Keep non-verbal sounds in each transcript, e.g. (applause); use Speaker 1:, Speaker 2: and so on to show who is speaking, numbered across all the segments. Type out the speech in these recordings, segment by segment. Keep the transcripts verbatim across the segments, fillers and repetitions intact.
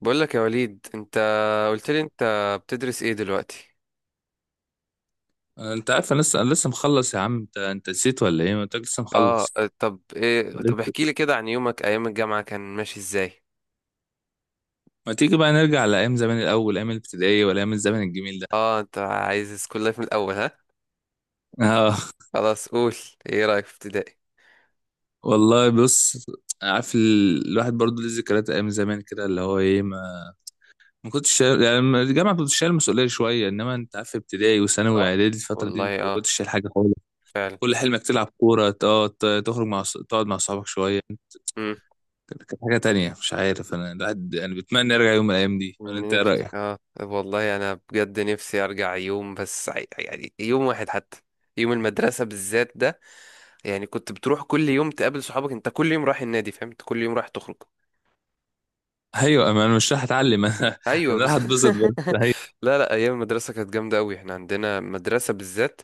Speaker 1: بقول لك يا وليد، انت قلت لي انت بتدرس ايه دلوقتي؟
Speaker 2: انت عارف انا لسه انا لسه مخلص يا عم انت انت نسيت ولا ايه؟ ما انت لسه
Speaker 1: اه.
Speaker 2: مخلص.
Speaker 1: طب ايه، طب
Speaker 2: لسه
Speaker 1: احكي لي كده عن يومك ايام الجامعة، كان ماشي ازاي؟
Speaker 2: ما تيجي بقى نرجع لايام زمان الاول، ايام الابتدائيه ولا ايام الزمن الجميل ده.
Speaker 1: اه انت عايز سكول لايف من الاول، ها؟
Speaker 2: (laughs) اه
Speaker 1: خلاص قول. ايه رأيك في ابتدائي؟
Speaker 2: والله بص، عارف ال- الواحد برضه ليه ذكريات ايام زمان كده، اللي هو ايه، ما ما كنتش شايل يعني. لما الجامعه كنت شايل مسؤوليه شويه، انما انت عارف ابتدائي وثانوي
Speaker 1: اه
Speaker 2: واعدادي الفتره دي
Speaker 1: والله،
Speaker 2: انت ما
Speaker 1: اه
Speaker 2: كنتش شايل حاجه خالص.
Speaker 1: فعلا.
Speaker 2: كل حلمك تلعب كوره، اه ت- تخرج مع ص- تقعد مع صحابك شويه.
Speaker 1: امم
Speaker 2: كانت حاجه تانية، مش عارف انا، الواحد يعني بتمنى يرجع يوم من الايام دي، ولا انت ايه
Speaker 1: نفسي
Speaker 2: رايك؟
Speaker 1: اه والله، انا بجد نفسي ارجع يوم، بس ع- يعني يوم واحد حتى. يوم المدرسة بالذات ده، يعني كنت بتروح كل يوم تقابل صحابك، انت كل يوم رايح النادي فاهم، انت كل يوم رايح تخرج.
Speaker 2: ايوه، ما انا مش راح اتعلم. (laughs) انا
Speaker 1: ايوه
Speaker 2: انا راح
Speaker 1: بس. (laughs)
Speaker 2: اتبسط بس. هي
Speaker 1: لا لا، ايام المدرسه كانت جامده قوي. احنا عندنا مدرسه بالذات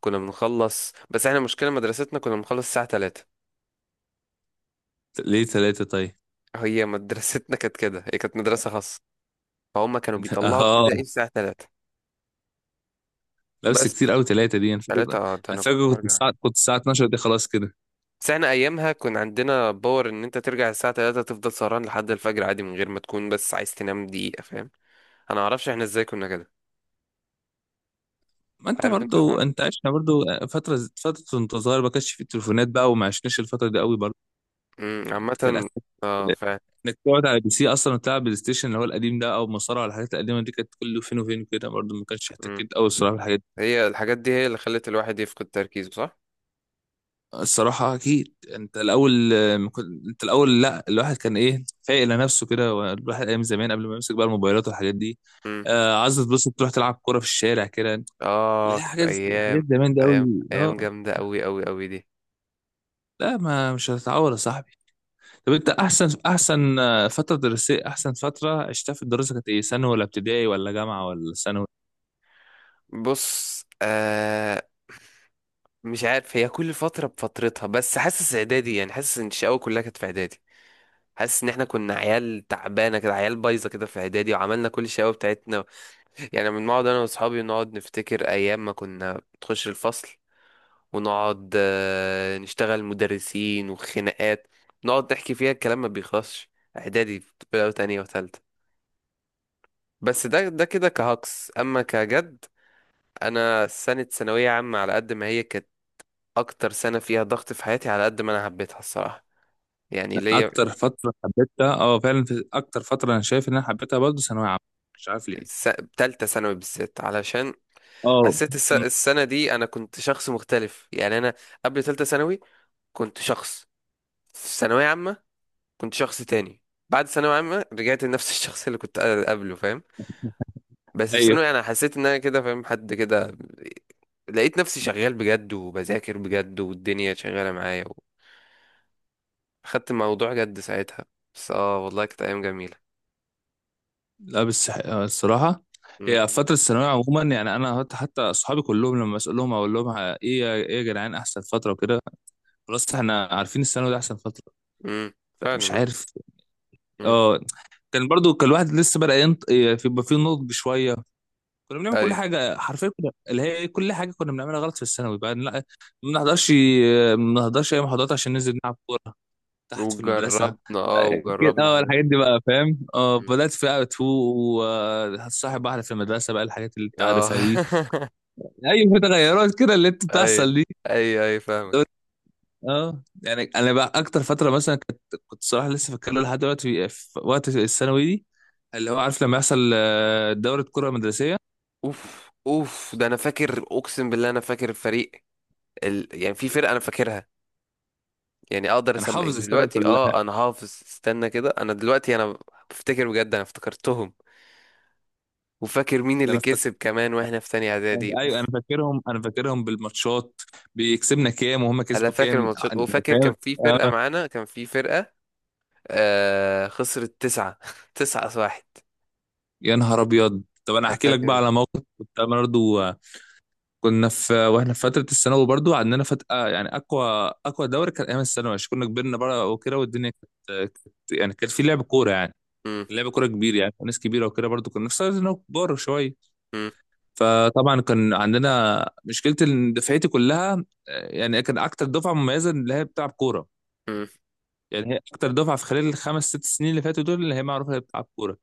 Speaker 1: كنا بنخلص، بس احنا مشكله مدرستنا كنا بنخلص الساعه ثلاثة.
Speaker 2: ليه ثلاثة طيب؟
Speaker 1: هي مدرستنا (laughs) كانت كده، هي كانت مدرسه خاصه. فهم كانوا بيطلعوا
Speaker 2: اه،
Speaker 1: ابتدائي الساعه ثلاثة.
Speaker 2: لبس
Speaker 1: بس
Speaker 2: كتير قوي ثلاثة دي انا
Speaker 1: ثلاثة،
Speaker 2: فاكر.
Speaker 1: اه ده
Speaker 2: انا
Speaker 1: انا كنت
Speaker 2: فاكر كنت
Speaker 1: برجع.
Speaker 2: الساعة كنت الساعة اتناشر دي خلاص كده.
Speaker 1: بس احنا ايامها كان عندنا باور ان انت ترجع الساعه الثالثة تفضل سهران لحد الفجر عادي، من غير ما تكون بس عايز تنام دقيقه، فاهم. انا ما اعرفش احنا ازاي كنا كده.
Speaker 2: ما انت
Speaker 1: عارف انت الحوار
Speaker 2: برضو،
Speaker 1: ده.
Speaker 2: انت عشنا برضو فترة فترة وانت صغير، ما كانش في التليفونات بقى، وما عشناش الفترة دي قوي برضو.
Speaker 1: امم عامه
Speaker 2: كان اخرك
Speaker 1: اه فعلا.
Speaker 2: انك تقعد على بي سي اصلا وتلعب بلاي ستيشن اللي هو القديم ده، او مصارعة. الحاجات القديمة دي كانت كله فين وفين كده، برضو ما كانش احتكيت قوي الصراحة.
Speaker 1: هي الحاجات دي هي اللي خلت الواحد يفقد تركيزه، صح؟
Speaker 2: الصراحة أكيد أنت الأول، آه، ما كنت- أنت الأول لأ، الواحد كان إيه، فايق لنفسه كده، والواحد أيام زمان قبل ما يمسك بقى الموبايلات والحاجات دي.
Speaker 1: مم.
Speaker 2: آه عايز تبص تروح تلعب كورة في الشارع كده.
Speaker 1: اه
Speaker 2: لا،
Speaker 1: كانت
Speaker 2: حاجات
Speaker 1: ايام،
Speaker 2: حاجات زمان
Speaker 1: كانت
Speaker 2: دي أوي
Speaker 1: ايام،
Speaker 2: أه.
Speaker 1: ايام جامده قوي قوي قوي دي.
Speaker 2: لا، ما مش هتتعود يا صاحبي. طب أنت أحسن أحسن، آه، فترة دراسية، أحسن فترة عشتها في الدراسة كانت إيه، ثانوي ولا ابتدائي ولا جامعة ولا ثانوي؟
Speaker 1: بص آه، مش عارف، هي كل فتره بفترتها، بس حاسس اعدادي يعني، حاسس ان الشقاوه كلها كانت في اعدادي. حاسس ان احنا كنا عيال تعبانه كده، عيال بايظه كده في اعدادي، وعملنا كل الشقاوه بتاعتنا. يعني بنقعد انا واصحابي نقعد نفتكر ايام ما كنا بتخش الفصل، ونقعد آه، نشتغل مدرسين وخناقات. نقعد نحكي فيها، الكلام ما بيخلصش. اعدادي بقى تانية وتالتة. بس ده ده كده كهكس اما كجد. انا سنة ثانوية عامة، على قد ما هي كانت اكتر سنة فيها ضغط في حياتي، على قد ما انا حبيتها الصراحة. يعني ليا
Speaker 2: أكتر فترة حبيتها، أه فعلا، في أكتر فترة أنا شايف إن أنا حبيتها برضه ثانوية عامة، مش عارف ليه.
Speaker 1: س- تالتة ثانوي بالذات، علشان
Speaker 2: أه،
Speaker 1: حسيت الس-
Speaker 2: أمم،
Speaker 1: السنة دي انا كنت شخص مختلف. يعني انا قبل تالتة ثانوي كنت شخص، في ثانوية عامة كنت شخص تاني، بعد ثانوية عامة رجعت لنفس (laughs) الشخص اللي كنت قبله، فاهم. بس في
Speaker 2: أيوه.
Speaker 1: ثانوي انا حسيت ان انا كده فاهم حد كده. لقيت نفسي شغال بجد، وبذاكر بجد، والدنيا شغالة معايا. خدت الموضوع جد ساعتها. بس اه والله كانت أيام جميلة.
Speaker 2: لا بس، آه، الصراحة،
Speaker 1: مم.
Speaker 2: هي فترة الثانوية عموما يعني، أنا حتى حتى أصحابي كلهم لما أسألهم أقول لهم، ه- إيه يا- إيه يا جدعان، أحسن فترة وكده، خلاص إحنا عارفين الثانوي ده أحسن فترة.
Speaker 1: مم. فعلا
Speaker 2: فمش
Speaker 1: اه.
Speaker 2: عارف.
Speaker 1: مم.
Speaker 2: أه، كان برضو كان الواحد لسه بدأ ينط إيه، في- يبقى فيه نضج شوية. كنا بنعمل كل
Speaker 1: أي.
Speaker 2: حاجة، حرفيا كنا اللي هي إيه، كل حاجة كنا بنعملها غلط في الثانوي بقى. لا، ما بنحضرش ما بنحضرش أي محاضرات عشان ننزل نلعب كورة تحت في المدرسة.
Speaker 1: وجربنا اه
Speaker 2: آه، كده،
Speaker 1: وجربنا
Speaker 2: اه
Speaker 1: حاجات
Speaker 2: الحاجات
Speaker 1: كتير.
Speaker 2: دي بقى، فاهم، اه
Speaker 1: مم.
Speaker 2: بدأت في بقى تو وهتصاحب واحدة في المدرسة بقى، الحاجات اللي انت
Speaker 1: اه (laughs)
Speaker 2: عارفها دي. ايوه، في تغيرات كده اللي انت
Speaker 1: أي،
Speaker 2: بتحصل دي.
Speaker 1: أي أي فاهمك.
Speaker 2: اه يعني انا بقى، اكتر فترة مثلا كنت، كنت صراحة لسه فاكر له لحد دلوقتي في وقت الثانوي دي، اللي هو عارف لما يحصل آه، دورة كرة مدرسية.
Speaker 1: اوف اوف، ده انا فاكر اقسم بالله، انا فاكر الفريق ال... يعني في فرقه انا فاكرها. يعني اقدر
Speaker 2: انا
Speaker 1: اسمع
Speaker 2: حافظ الفرقة
Speaker 1: دلوقتي،
Speaker 2: كلها.
Speaker 1: اه انا حافظ، استنى كده، انا دلوقتي انا بفتكر بجد، انا افتكرتهم. وفاكر مين
Speaker 2: ده
Speaker 1: اللي
Speaker 2: انا فاكر،
Speaker 1: كسب كمان، واحنا في تانية اعدادي،
Speaker 2: ايوه انا
Speaker 1: اوف.
Speaker 2: فاكرهم انا فاكرهم بالماتشات، بيكسبنا كام وهم
Speaker 1: انا
Speaker 2: كسبوا
Speaker 1: فاكر
Speaker 2: كام،
Speaker 1: الماتشات، وفاكر
Speaker 2: فاهم.
Speaker 1: كان في
Speaker 2: آه،
Speaker 1: فرقة معانا، كان في فرقة، آه خسرت تسعة (laughs) تسعة واحد.
Speaker 2: يا نهار ابيض، طب انا
Speaker 1: انا
Speaker 2: احكي لك بقى
Speaker 1: فاكر.
Speaker 2: على موقف كنت انا برضو. كنا في واحنا في فتره الثانوي برضو، عندنا فتره آه، يعني اقوى، اقوى دوري كان ايام الثانوي، عشان كنا كبرنا بقى وكده، والدنيا كانت كانت- يعني كان في لعب كوره يعني،
Speaker 1: مم،
Speaker 2: كان لعب كوره كبير يعني، وناس كبيره وكده برضو، كنا في سنه كبار شويه.
Speaker 1: مم،
Speaker 2: فطبعا كان عندنا مشكله ان دفعتي كلها، آه، يعني كان اكتر دفعه مميزه اللي هي بتلعب كوره،
Speaker 1: مم،
Speaker 2: يعني هي اكتر دفعه في خلال الخمس ست سنين اللي فاتوا دول، اللي هي معروفه اللي هي بتلعب كوره.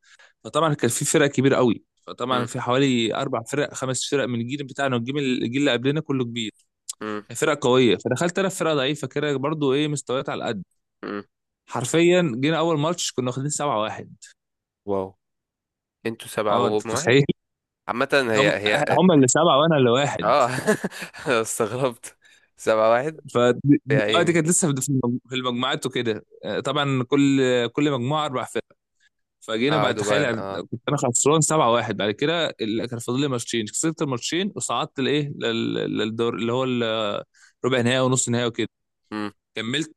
Speaker 2: فطبعا كان في فرق كبيره قوي، فطبعا
Speaker 1: مم،
Speaker 2: في حوالي اربع فرق خمس فرق من الجيل بتاعنا، والجيل الجيل اللي قبلنا كله كبير،
Speaker 1: مم،
Speaker 2: فرق قويه. فدخلت انا في فرقه ضعيفه كده برضو، ايه، مستويات على قد.
Speaker 1: مم.
Speaker 2: حرفيا جينا اول ماتش كنا واخدين سبعة واحد.
Speaker 1: واو، انتوا سبعة
Speaker 2: اه، انت
Speaker 1: وهم واحد؟
Speaker 2: تتخيل؟
Speaker 1: عامة
Speaker 2: (laughs) هم
Speaker 1: هي هي.
Speaker 2: هم اللي سبعه وانا اللي واحد.
Speaker 1: اه (laughs) أنا استغربت. سبعة واحد،
Speaker 2: ف
Speaker 1: يا
Speaker 2: اه، دي
Speaker 1: عيني.
Speaker 2: كانت لسه في المج- في المجموعات وكده. آه، طبعا كل كل مجموعه اربع فرق، فجينا بعد.
Speaker 1: قعدوا بقى
Speaker 2: تخيل
Speaker 1: اه.
Speaker 2: كنت انا خسران سبعة واحد، بعد كده ال- كان فاضل لي ماتشين، كسبت الماتشين وصعدت لايه، لل- للدور اللي هو ال- ربع نهائي ونص نهائي وكده.
Speaker 1: مم،
Speaker 2: كملت،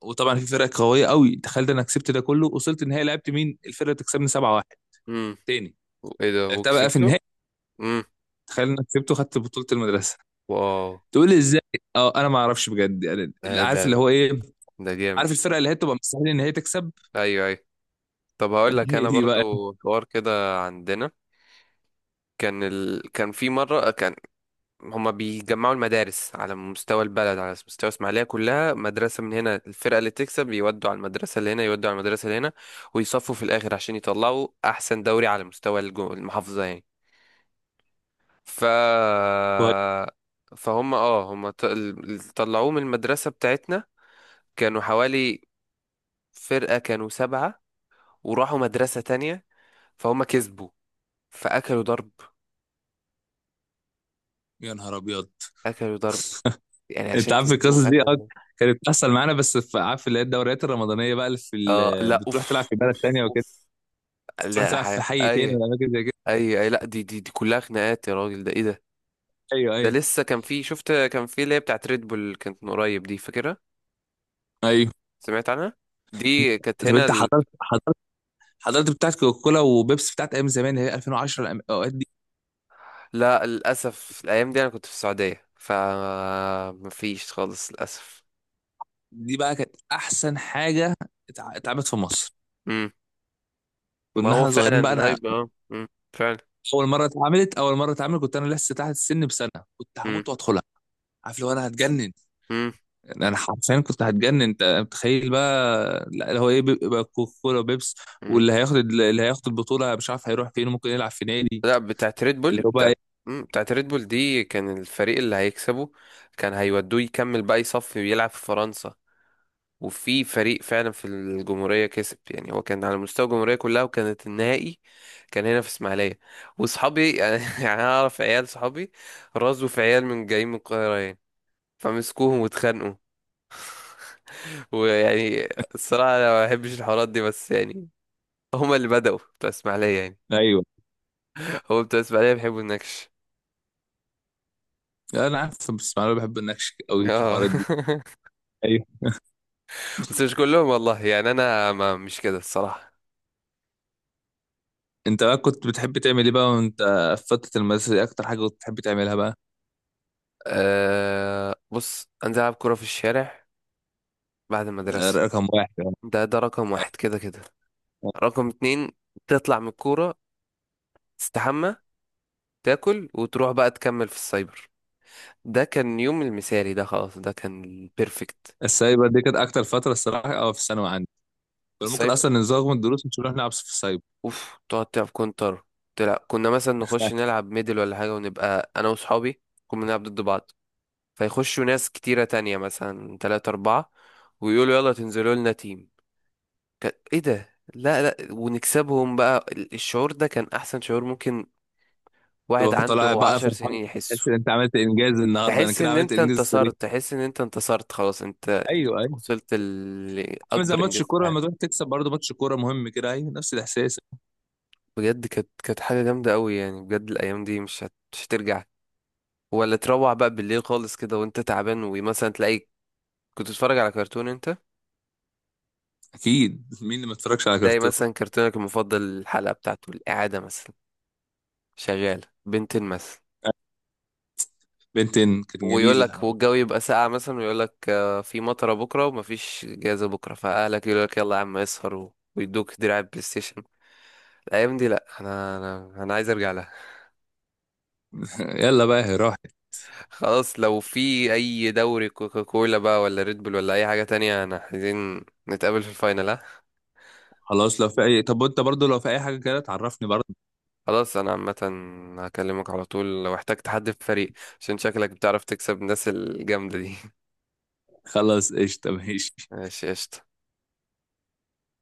Speaker 2: وطبعا في فرق قويه قوي، تخيل ده انا كسبت ده كله، وصلت النهائي، لعبت مين؟ الفرقه اللي تكسبني سبعة واحد
Speaker 1: مم.
Speaker 2: تاني،
Speaker 1: ايه ده،
Speaker 2: لعبتها بقى في
Speaker 1: وكسبته؟
Speaker 2: النهائي.
Speaker 1: امم.
Speaker 2: تخيل انا كسبت وخدت بطوله المدرسه،
Speaker 1: واو.
Speaker 2: تقول لي ازاي؟ اه انا ما اعرفش بجد يعني،
Speaker 1: ده
Speaker 2: اللي
Speaker 1: ده
Speaker 2: عارف اللي هو ايه،
Speaker 1: ده جامد.
Speaker 2: عارف الفرقه اللي هي تبقى مستحيل ان هي تكسب.
Speaker 1: ايوه ايوه. طب هقول
Speaker 2: (laughs)
Speaker 1: لك
Speaker 2: هي
Speaker 1: انا
Speaker 2: دي بقى.
Speaker 1: برضو حوار كده عندنا. كان ال... كان في مره، كان هما بيجمعوا المدارس على مستوى البلد، على مستوى اسماعيليه كلها، مدرسه من هنا الفرقه اللي تكسب يودوا على المدرسه اللي هنا، يودوا على المدرسه اللي هنا، ويصفوا في الاخر عشان يطلعوا احسن دوري على مستوى الجو... المحافظه يعني. ف فهم اه، هم ط- ال- طلعوه من المدرسه بتاعتنا. كانوا حوالي فرقه، كانوا سبعه، وراحوا مدرسة تانية. فهم كسبوا، فأكلوا ضرب.
Speaker 2: يا نهار ابيض،
Speaker 1: أكلوا ضرب، يعني
Speaker 2: انت
Speaker 1: عشان
Speaker 2: عارف القصص
Speaker 1: كسبوا
Speaker 2: دي،
Speaker 1: أكلوا
Speaker 2: اه
Speaker 1: ضرب.
Speaker 2: كانت بتحصل معانا، بس في، عارف، اللي هي الدوريات الرمضانيه بقى، اللي في
Speaker 1: آه
Speaker 2: ال-
Speaker 1: لا،
Speaker 2: بتروح تلعب
Speaker 1: أوف
Speaker 2: في بلد
Speaker 1: أوف
Speaker 2: تانية وكده،
Speaker 1: أوف.
Speaker 2: بتروح
Speaker 1: لا
Speaker 2: تلعب في
Speaker 1: حاجة،
Speaker 2: حي
Speaker 1: أي
Speaker 2: تاني ولا اماكن زي كده.
Speaker 1: أي أي، لا دي دي دي كلها خناقات يا راجل، ده إيه ده.
Speaker 2: ايوه
Speaker 1: ده
Speaker 2: ايوه
Speaker 1: لسه كان في، شفت كان في اللي هي بتاعت ريد بول، كانت من قريب دي، فاكرها؟
Speaker 2: ايوه.
Speaker 1: سمعت عنها؟ دي كانت
Speaker 2: طب
Speaker 1: هنا
Speaker 2: انت
Speaker 1: ال...
Speaker 2: حضرت، حضرت حضرت بتاعت كوكا كولا وبيبسي، بتاعت ايام زمان اللي هي ألفين وعشرة، الأم- الاوقات دي.
Speaker 1: لا للأسف، الأيام دي أنا كنت في السعودية، فمفيش خالص للأسف.
Speaker 2: دي بقى كانت احسن حاجه اتع- اتعملت في مصر.
Speaker 1: مم. ما
Speaker 2: كنا
Speaker 1: هو
Speaker 2: احنا
Speaker 1: فعلا
Speaker 2: صغيرين بقى انا،
Speaker 1: الهايب اه. مم. فعلا.
Speaker 2: اول مره اتعملت اول مره اتعملت كنت انا لسه تحت السن بسنه، كنت
Speaker 1: مم.
Speaker 2: هموت وادخلها. عارف لو انا هتجنن، انا حرفيا كنت هتجنن. انت متخيل بقى؟ لا هو ايه، بيبقى كولا وبيبس،
Speaker 1: مم.
Speaker 2: واللي هياخد اللي هياخد البطوله مش عارف هيروح فين، ممكن يلعب في نادي،
Speaker 1: لا بتاعت ريد
Speaker 2: اللي
Speaker 1: بول،
Speaker 2: هو بقى
Speaker 1: بتاعت،
Speaker 2: ايه.
Speaker 1: مم، بتاعت ريد بول دي كان الفريق اللي هيكسبه كان هيودوه يكمل بقى يصفي ويلعب في فرنسا. وفي فريق فعلا في الجمهورية كسب، يعني هو كان على مستوى الجمهورية كلها، وكانت النهائي كان هنا في اسماعيلية. وصحابي (laughs) يعني انا اعرف عيال صحابي رازوا في عيال من جايين من القاهرة يعني، فمسكوهم واتخانقوا. ويعني الصراحة انا ما بحبش الحوارات دي، بس يعني هما اللي بدأوا، بتوع اسماعيلية يعني،
Speaker 2: ايوه
Speaker 1: هو بتوع اسماعيلية بيحبوا النكش.
Speaker 2: انا عارف، بس انا بحب النكش قوي في
Speaker 1: اه
Speaker 2: الحوارات دي.
Speaker 1: (laughs)
Speaker 2: ايوه.
Speaker 1: بس مش كلهم والله يعني، انا ما مش كده الصراحه.
Speaker 2: انت بقى كنت بتحب تعمل ايه بقى، وانت في فتره المدرسه دي اكتر حاجه كنت بتحب تعملها بقى؟
Speaker 1: أه بص، انزل العب كوره في الشارع بعد
Speaker 2: ده
Speaker 1: المدرسه.
Speaker 2: رقم واحد يعني.
Speaker 1: ده ده رقم واحد كده كده. رقم اتنين، تطلع من الكوره، تستحمى، تاكل، وتروح بقى تكمل في السايبر. ده كان يوم المثالي، ده خلاص ده كان البيرفكت.
Speaker 2: السايبر دي كانت اكتر فتره الصراحه، اه في الثانوي عندي كنا ممكن
Speaker 1: السايبر،
Speaker 2: اصلا نزوغ من الدروس مش نروح نلعب في السايبر.
Speaker 1: اوف، تقعد تلعب كونتر، تلعب، كنا مثلا نخش
Speaker 2: (laughs)
Speaker 1: نلعب ميدل ولا حاجه، ونبقى انا وصحابي كنا بنلعب ضد بعض. فيخشوا ناس كتيره تانية، مثلا تلاتة اربعة، ويقولوا يلا تنزلوا لنا تيم. كان ايه ده، لا لا، ونكسبهم بقى. ال- الشعور ده كان احسن شعور ممكن واحد
Speaker 2: تبقى
Speaker 1: عنده
Speaker 2: طالع بقى
Speaker 1: عشر
Speaker 2: فرحان،
Speaker 1: سنين يحسه.
Speaker 2: تحس ان انت عملت انجاز النهارده، انا
Speaker 1: تحس
Speaker 2: كده
Speaker 1: ان
Speaker 2: عملت
Speaker 1: انت
Speaker 2: انجاز في،
Speaker 1: انتصرت،
Speaker 2: ايوه.
Speaker 1: تحس ان انت انتصرت خلاص، انت انت
Speaker 2: أيوه.
Speaker 1: وصلت ل-
Speaker 2: عامل زي
Speaker 1: لاكبر
Speaker 2: ماتش
Speaker 1: انجاز في
Speaker 2: كوره،
Speaker 1: حياتك.
Speaker 2: لما تروح تكسب برضه ماتش كوره مهم كده، ايوه نفس الاحساس.
Speaker 1: بجد كانت، كانت حاجه جامده قوي يعني، بجد الايام دي مش هت... مش هترجع. ولا تروح بقى بالليل خالص كده وانت تعبان، ومثلا تلاقي، كنت تتفرج على كرتون انت،
Speaker 2: اكيد، مين اللي ما اتفرجش على
Speaker 1: تلاقي
Speaker 2: كرتون؟
Speaker 1: مثلا كرتونك المفضل الحلقه بتاعته الاعاده مثلا شغاله بنتين مثلا.
Speaker 2: بنتين كان
Speaker 1: ويقول
Speaker 2: جميل.
Speaker 1: لك، والجو يبقى ساقع مثلا، ويقول لك آه، في مطره بكره، ومفيش جايزه بكره، فاهلك يقول لك يلا يا عم اسهر، و- ويدوك دراع بلاي ستيشن. الايام دي لا، انا انا انا عايز ارجع لها.
Speaker 2: (laughs) يلا بقى هي راحت.
Speaker 1: (laughs) خلاص، لو في اي دوري كوكاكولا بقى ولا ريد بول ولا اي حاجه تانية، انا عايزين نتقابل في الفاينل، ها.
Speaker 2: خلاص لو في اي، طب وانت برضه لو في اي حاجه كده تعرفني برضه.
Speaker 1: خلاص انا عامه هكلمك على طول لو احتجت حد في الفريق، عشان شكلك بتعرف تكسب الناس الجامده دي. (laughs)
Speaker 2: خلاص قشطه ماشي.
Speaker 1: ماشي قشطه.